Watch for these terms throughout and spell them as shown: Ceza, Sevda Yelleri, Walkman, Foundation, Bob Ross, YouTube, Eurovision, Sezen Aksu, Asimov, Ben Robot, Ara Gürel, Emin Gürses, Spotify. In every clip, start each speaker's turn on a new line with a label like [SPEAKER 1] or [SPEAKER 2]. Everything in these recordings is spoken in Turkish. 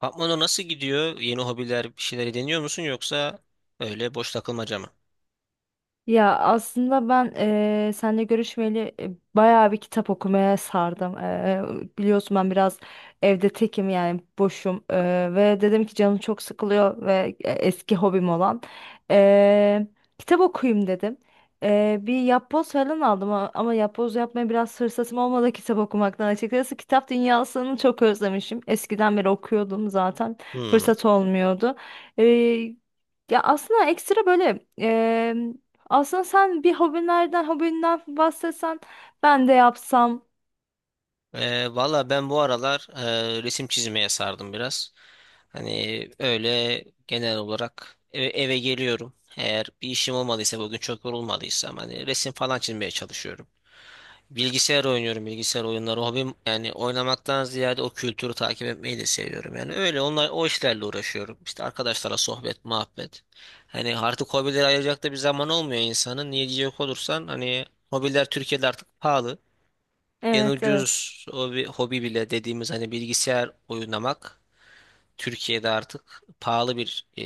[SPEAKER 1] Patmano nasıl gidiyor? Yeni hobiler, bir şeyleri deniyor musun yoksa öyle boş takılmaca mı?
[SPEAKER 2] Ya aslında ben seninle görüşmeli bayağı bir kitap okumaya sardım. Biliyorsun ben biraz evde tekim yani boşum. Ve dedim ki canım çok sıkılıyor ve eski hobim olan eee, kitap okuyayım dedim. Bir yapboz falan aldım ama yapboz yapmaya biraz fırsatım olmadı kitap okumaktan açıkçası. Kitap dünyasını çok özlemişim. Eskiden beri okuyordum zaten,
[SPEAKER 1] Hmm.
[SPEAKER 2] fırsat olmuyordu. Eee, ya aslında ekstra böyle, aslında sen bir hobinden bahsetsen ben de yapsam.
[SPEAKER 1] Valla ben bu aralar resim çizmeye sardım biraz. Hani öyle genel olarak eve geliyorum. Eğer bir işim olmadıysa bugün çok yorulmadıysam hani resim falan çizmeye çalışıyorum. Bilgisayar oynuyorum, bilgisayar oyunları hobim, yani oynamaktan ziyade o kültürü takip etmeyi de seviyorum. Yani öyle onlar, o işlerle uğraşıyorum. İşte arkadaşlarla sohbet, muhabbet. Hani artık hobilere ayıracak da bir zaman olmuyor insanın. Niye diyecek olursan, hani hobiler Türkiye'de artık pahalı. En
[SPEAKER 2] Evet, evet.
[SPEAKER 1] ucuz hobi, hobi bile dediğimiz hani bilgisayar oynamak Türkiye'de artık pahalı bir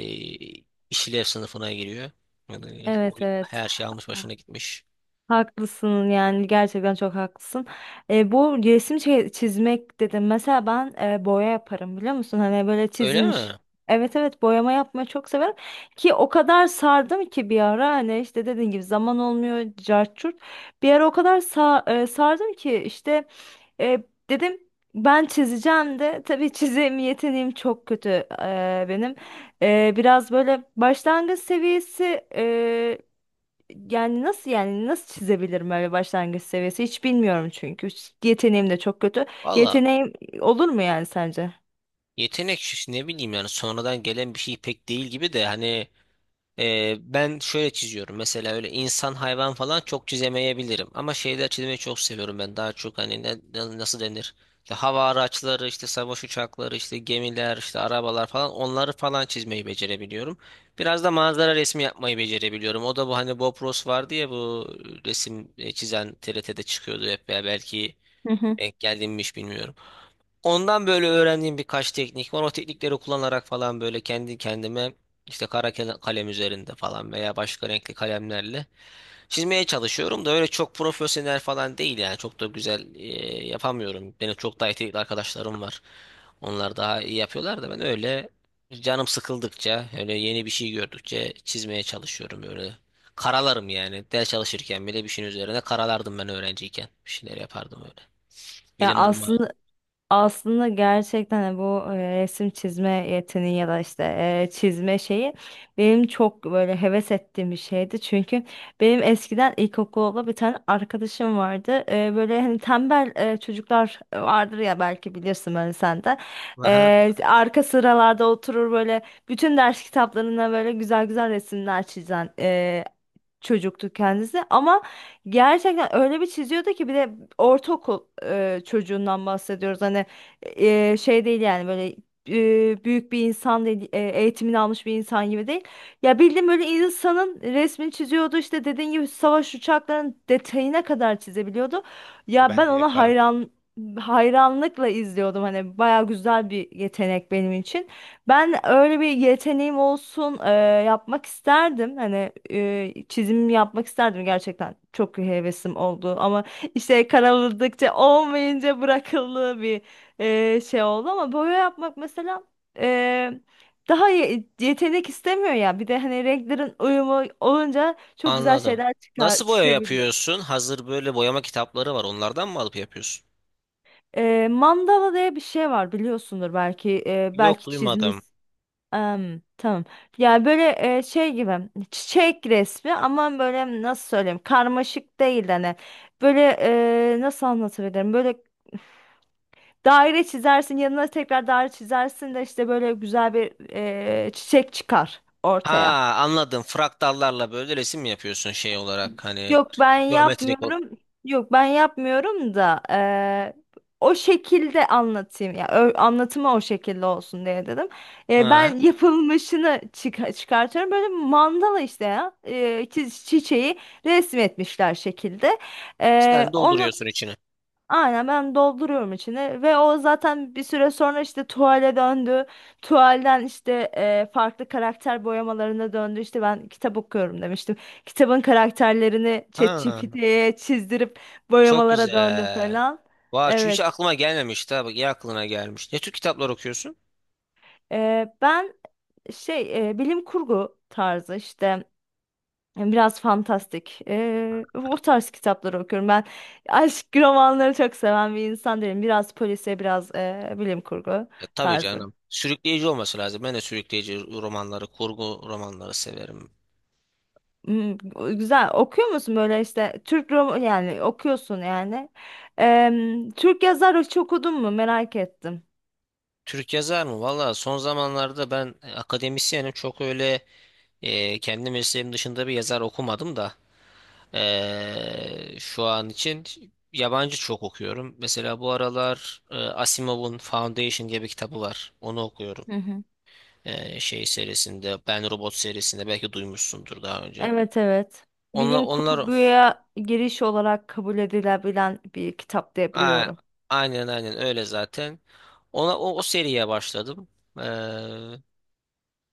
[SPEAKER 1] işlev sınıfına giriyor. Yani
[SPEAKER 2] Evet, evet.
[SPEAKER 1] her şey almış başına gitmiş.
[SPEAKER 2] Haklısın, yani gerçekten çok haklısın. Bu resim çizmek dedim. Mesela ben boya yaparım, biliyor musun? Hani böyle
[SPEAKER 1] Öyle
[SPEAKER 2] çizilmiş.
[SPEAKER 1] mi?
[SPEAKER 2] Evet, evet, boyama yapmayı çok severim, ki o kadar sardım ki bir ara, hani işte dediğin gibi, zaman olmuyor, cart curt. Bir ara o kadar sardım ki işte, e, dedim ben çizeceğim de, tabii çizim yeteneğim çok kötü benim. Biraz böyle başlangıç seviyesi, e, yani nasıl çizebilirim, öyle başlangıç seviyesi hiç bilmiyorum, çünkü yeteneğim de çok kötü.
[SPEAKER 1] Valla,
[SPEAKER 2] Yeteneğim olur mu yani sence?
[SPEAKER 1] yetenek şu, ne bileyim, yani sonradan gelen bir şey pek değil gibi de hani ben şöyle çiziyorum mesela, öyle insan hayvan falan çok çizemeyebilirim ama şeyler çizmeyi çok seviyorum. Ben daha çok hani nasıl denir, işte hava araçları, işte savaş uçakları, işte gemiler, işte arabalar falan, onları falan çizmeyi becerebiliyorum. Biraz da manzara resmi yapmayı becerebiliyorum. O da bu, hani Bob Ross vardı ya, bu resim çizen TRT'de çıkıyordu hep ya, belki
[SPEAKER 2] Hı hı.
[SPEAKER 1] denk geldim mi hiç bilmiyorum. Ondan böyle öğrendiğim birkaç teknik var. O teknikleri kullanarak falan böyle kendi kendime, işte kalem üzerinde falan veya başka renkli kalemlerle çizmeye çalışıyorum da, öyle çok profesyonel falan değil yani. Çok da güzel yapamıyorum. Benim çok daha yetenekli arkadaşlarım var. Onlar daha iyi yapıyorlar da, ben öyle canım sıkıldıkça, öyle yeni bir şey gördükçe çizmeye çalışıyorum öyle. Karalarım yani. Ders çalışırken bile bir şeyin üzerine karalardım ben öğrenciyken. Bir şeyler yapardım öyle.
[SPEAKER 2] Ya
[SPEAKER 1] Elim durmaz.
[SPEAKER 2] aslında Aslında gerçekten de bu resim çizme yeteneği ya da işte çizme şeyi, benim çok böyle heves ettiğim bir şeydi. Çünkü benim eskiden ilkokulda bir tane arkadaşım vardı. Böyle hani tembel çocuklar vardır ya, belki bilirsin böyle sen de.
[SPEAKER 1] Aha.
[SPEAKER 2] Arka sıralarda oturur böyle, bütün ders kitaplarına böyle güzel güzel resimler çizen çocuktu kendisi. Ama gerçekten öyle bir çiziyordu ki, bir de ortaokul çocuğundan bahsediyoruz, hani şey değil yani, böyle büyük bir insan değil, eğitimini almış bir insan gibi değil, ya bildiğim böyle, insanın resmini çiziyordu, işte dediğin gibi savaş uçaklarının detayına kadar çizebiliyordu. Ya ben ona hayranlıkla izliyordum, hani baya güzel bir yetenek benim için. Ben öyle bir yeteneğim olsun, yapmak isterdim. Hani çizim yapmak isterdim gerçekten. Çok hevesim oldu, ama işte karaladıkça olmayınca bırakıldığı bir şey oldu. Ama boya yapmak mesela, e, daha yetenek istemiyor ya. Bir de hani renklerin uyumu olunca, çok güzel
[SPEAKER 1] Anladım.
[SPEAKER 2] şeyler çıkar
[SPEAKER 1] Nasıl boya
[SPEAKER 2] çıkabiliyor.
[SPEAKER 1] yapıyorsun? Hazır böyle boyama kitapları var. Onlardan mı alıp yapıyorsun?
[SPEAKER 2] Mandala diye bir şey var, biliyorsundur belki e,
[SPEAKER 1] Yok,
[SPEAKER 2] belki çizmiş.
[SPEAKER 1] duymadım.
[SPEAKER 2] Tamam. Ya böyle, şey gibi çiçek resmi, ama böyle nasıl söyleyeyim, karmaşık değil hani, böyle nasıl anlatabilirim, böyle daire çizersin, yanına tekrar daire çizersin de işte böyle güzel bir çiçek çıkar
[SPEAKER 1] Ha,
[SPEAKER 2] ortaya.
[SPEAKER 1] anladım. Fraktallarla böyle resim mi yapıyorsun, şey olarak hani
[SPEAKER 2] Yok, ben
[SPEAKER 1] geometrik ol.
[SPEAKER 2] yapmıyorum. Yok, ben yapmıyorum da o şekilde anlatayım. Ya anlatımı o şekilde olsun diye dedim. Eee,
[SPEAKER 1] Ha.
[SPEAKER 2] ben yapılmışını çıkartıyorum. Böyle mandala işte ya. Çiçeği resmetmişler şekilde. Eee,
[SPEAKER 1] Sen
[SPEAKER 2] onu
[SPEAKER 1] dolduruyorsun içini.
[SPEAKER 2] Aynen, ben dolduruyorum içine, ve o zaten bir süre sonra işte tuvale döndü. Tuvalden işte farklı karakter boyamalarına döndü. İşte ben kitap okuyorum demiştim. Kitabın karakterlerini
[SPEAKER 1] Ha.
[SPEAKER 2] ChatGPT'ye çizdirip
[SPEAKER 1] Çok
[SPEAKER 2] boyamalara döndüm
[SPEAKER 1] güzel.
[SPEAKER 2] falan.
[SPEAKER 1] Vay, şu hiç
[SPEAKER 2] Evet.
[SPEAKER 1] aklıma gelmemişti ha. Bak, iyi aklına gelmiş. Ne tür kitaplar okuyorsun?
[SPEAKER 2] Ben şey, bilim kurgu tarzı işte, biraz fantastik. O tarz kitapları okuyorum. Ben aşk romanları çok seven bir insan değilim. Biraz polisiye, biraz bilim kurgu
[SPEAKER 1] E, tabii
[SPEAKER 2] tarzı.
[SPEAKER 1] canım. Sürükleyici olması lazım. Ben de sürükleyici romanları, kurgu romanları severim.
[SPEAKER 2] Hmm, güzel. Okuyor musun böyle işte, Türk roman yani okuyorsun yani. Türk yazar hiç okudun mu? Merak ettim.
[SPEAKER 1] Türk yazar mı? Valla, son zamanlarda ben akademisyenim. Çok öyle kendi mesleğim dışında bir yazar okumadım da şu an için yabancı çok okuyorum. Mesela bu aralar Asimov'un Foundation diye bir kitabı var. Onu okuyorum.
[SPEAKER 2] Hı hı.
[SPEAKER 1] Şey serisinde, Ben Robot serisinde, belki duymuşsundur daha önce.
[SPEAKER 2] Evet, evet.
[SPEAKER 1] Onlar,
[SPEAKER 2] Bilim
[SPEAKER 1] onlar
[SPEAKER 2] kurguya giriş olarak kabul edilebilen bir kitap diye
[SPEAKER 1] a-
[SPEAKER 2] biliyorum.
[SPEAKER 1] aynen, aynen öyle zaten. Ona o seriye başladım. Ee,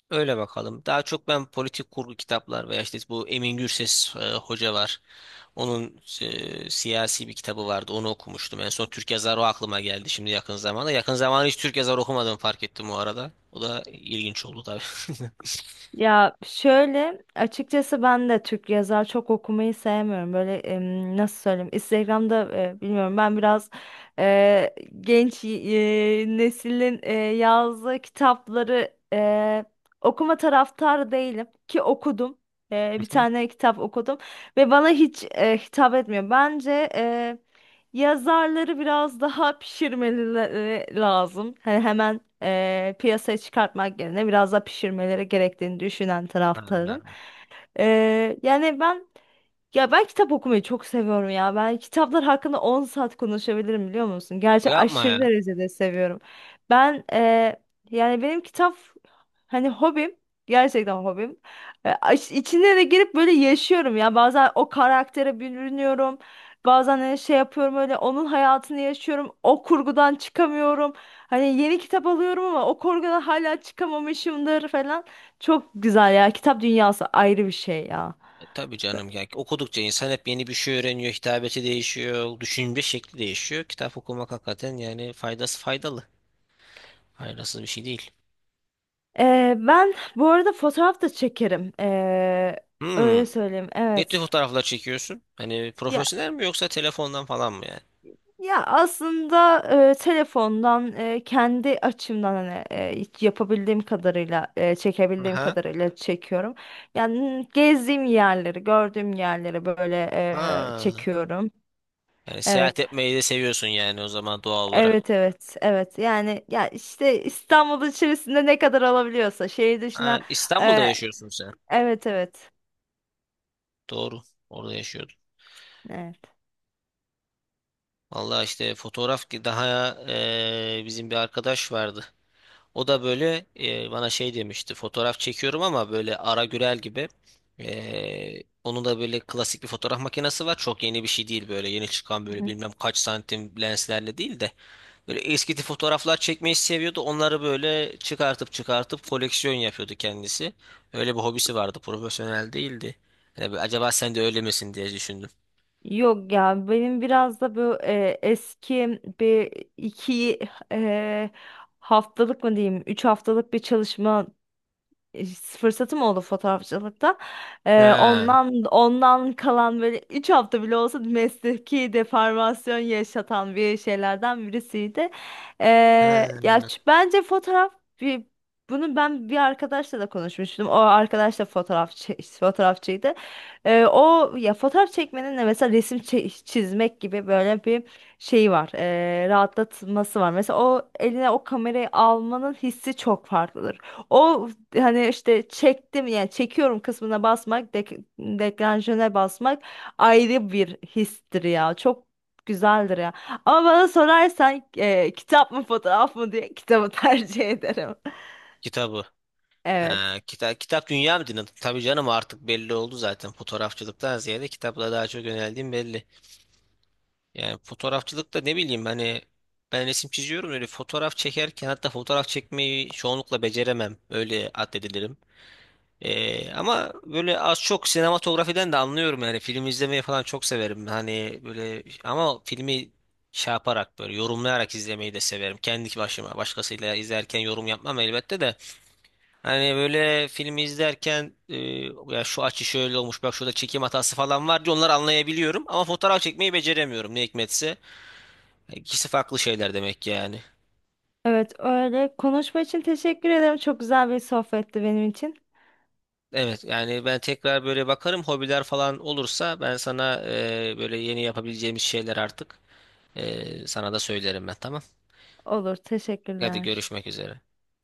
[SPEAKER 1] Öyle bakalım. Daha çok ben politik kurgu kitaplar veya işte bu Emin Gürses hoca var. Onun siyasi bir kitabı vardı. Onu okumuştum. En son Türk yazarı o, aklıma geldi şimdi yakın zamanda. Yakın zamanda hiç Türk yazarı okumadım, fark ettim o arada. O da ilginç oldu tabii.
[SPEAKER 2] Ya şöyle açıkçası, ben de Türk yazar çok okumayı sevmiyorum. Böyle, nasıl söyleyeyim? Instagram'da bilmiyorum, ben biraz e, genç neslin yazdığı kitapları okuma taraftarı değilim, ki okudum. Bir
[SPEAKER 1] Hı hı.
[SPEAKER 2] tane kitap okudum ve bana hiç hitap etmiyor. Bence yazarları biraz daha pişirmeleri lazım. Hani hemen piyasaya çıkartmak yerine, biraz daha pişirmeleri gerektiğini düşünen
[SPEAKER 1] Ha,
[SPEAKER 2] taraftarım. Yani ben, kitap okumayı çok seviyorum ya. Ben kitaplar hakkında 10 saat konuşabilirim, biliyor musun? Gerçi
[SPEAKER 1] yapma
[SPEAKER 2] aşırı
[SPEAKER 1] ya.
[SPEAKER 2] derecede seviyorum. Ben yani benim kitap hani, hobim. Gerçekten hobim. E, aş- içine de girip böyle yaşıyorum ya. Bazen o karaktere bürünüyorum. Bazen hani şey yapıyorum, öyle onun hayatını yaşıyorum. O kurgudan çıkamıyorum. Hani yeni kitap alıyorum ama o kurgudan hala çıkamamışımdır falan. Çok güzel ya. Kitap dünyası ayrı bir şey ya.
[SPEAKER 1] E, tabii canım ya. Okudukça insan hep yeni bir şey öğreniyor. Hitabeti değişiyor. Düşünce şekli değişiyor. Kitap okumak hakikaten yani faydası, faydalı. Faydasız bir şey değil.
[SPEAKER 2] Ben bu arada fotoğraf da çekerim. Ee,
[SPEAKER 1] Hmm.
[SPEAKER 2] öyle söyleyeyim.
[SPEAKER 1] Ne tür
[SPEAKER 2] Evet.
[SPEAKER 1] fotoğraflar çekiyorsun? Hani
[SPEAKER 2] Ya
[SPEAKER 1] profesyonel mi, yoksa telefondan falan mı yani?
[SPEAKER 2] ya aslında, telefondan, kendi açımdan hani hiç yapabildiğim kadarıyla, çekebildiğim
[SPEAKER 1] Aha.
[SPEAKER 2] kadarıyla çekiyorum. Yani gezdiğim yerleri, gördüğüm yerleri böyle
[SPEAKER 1] Ha.
[SPEAKER 2] çekiyorum.
[SPEAKER 1] Yani seyahat
[SPEAKER 2] Evet.
[SPEAKER 1] etmeyi de seviyorsun yani, o zaman doğal olarak.
[SPEAKER 2] Evet, evet, evet, yani ya işte İstanbul içerisinde ne kadar alabiliyorsa, şehir
[SPEAKER 1] Ha,
[SPEAKER 2] dışına,
[SPEAKER 1] İstanbul'da
[SPEAKER 2] e,
[SPEAKER 1] yaşıyorsun sen.
[SPEAKER 2] evet, evet,
[SPEAKER 1] Doğru. Orada yaşıyordun.
[SPEAKER 2] evet.
[SPEAKER 1] Vallahi, işte fotoğraf ki daha bizim bir arkadaş vardı. O da böyle, bana şey demişti. Fotoğraf çekiyorum ama böyle Ara Gürel gibi. Eee, onun da böyle klasik bir fotoğraf makinesi var. Çok yeni bir şey değil böyle. Yeni çıkan böyle bilmem kaç santim lenslerle değil de, böyle eski tip fotoğraflar çekmeyi seviyordu. Onları böyle çıkartıp çıkartıp koleksiyon yapıyordu kendisi. Öyle bir hobisi vardı. Profesyonel değildi. Yani bir, acaba sen de öyle misin diye düşündüm.
[SPEAKER 2] Yok ya, benim biraz da bu eski, bir iki e, haftalık mı diyeyim, üç haftalık bir çalışma fırsatım oldu fotoğrafçılıkta. Ee,
[SPEAKER 1] Ha,
[SPEAKER 2] ondan ondan kalan, böyle 3 hafta bile olsa, mesleki deformasyon yaşatan bir şeylerden birisiydi. Ee,
[SPEAKER 1] ha.
[SPEAKER 2] ya bence fotoğraf bir Bunu ben bir arkadaşla da konuşmuştum. O arkadaş da fotoğrafçıydı. O ya, fotoğraf çekmenin de mesela resim çizmek gibi böyle bir şeyi var. Rahatlatması var. Mesela o eline o kamerayı almanın hissi çok farklıdır. O hani işte çektim yani çekiyorum kısmına basmak, deklanşöre basmak, ayrı bir histir ya. Çok güzeldir ya. Ama bana sorarsan, kitap mı fotoğraf mı diye, kitabı tercih ederim.
[SPEAKER 1] Kitabı.
[SPEAKER 2] Evet.
[SPEAKER 1] Ha, kitap, kitap dünya mı dinledin? Tabii canım, artık belli oldu zaten. Fotoğrafçılıktan ziyade kitapla daha çok yöneldiğim belli. Yani fotoğrafçılıkta ne bileyim hani, ben resim çiziyorum öyle, fotoğraf çekerken hatta fotoğraf çekmeyi çoğunlukla beceremem. Öyle addedilirim. Ama böyle az çok sinematografiden de anlıyorum yani, film izlemeyi falan çok severim hani böyle, ama filmi şey yaparak, böyle yorumlayarak izlemeyi de severim kendi başıma. Başkasıyla izlerken yorum yapmam elbette de, hani böyle filmi izlerken ya şu açı şöyle olmuş, bak şurada çekim hatası falan var diye onları anlayabiliyorum, ama fotoğraf çekmeyi beceremiyorum ne hikmetse. İkisi farklı şeyler demek ki yani.
[SPEAKER 2] Evet öyle. Konuşma için teşekkür ederim. Çok güzel bir sohbetti benim için.
[SPEAKER 1] Evet yani, ben tekrar böyle bakarım, hobiler falan olursa ben sana böyle yeni yapabileceğimiz şeyler artık sana da söylerim ben, tamam.
[SPEAKER 2] Olur,
[SPEAKER 1] Hadi,
[SPEAKER 2] teşekkürler.
[SPEAKER 1] görüşmek üzere.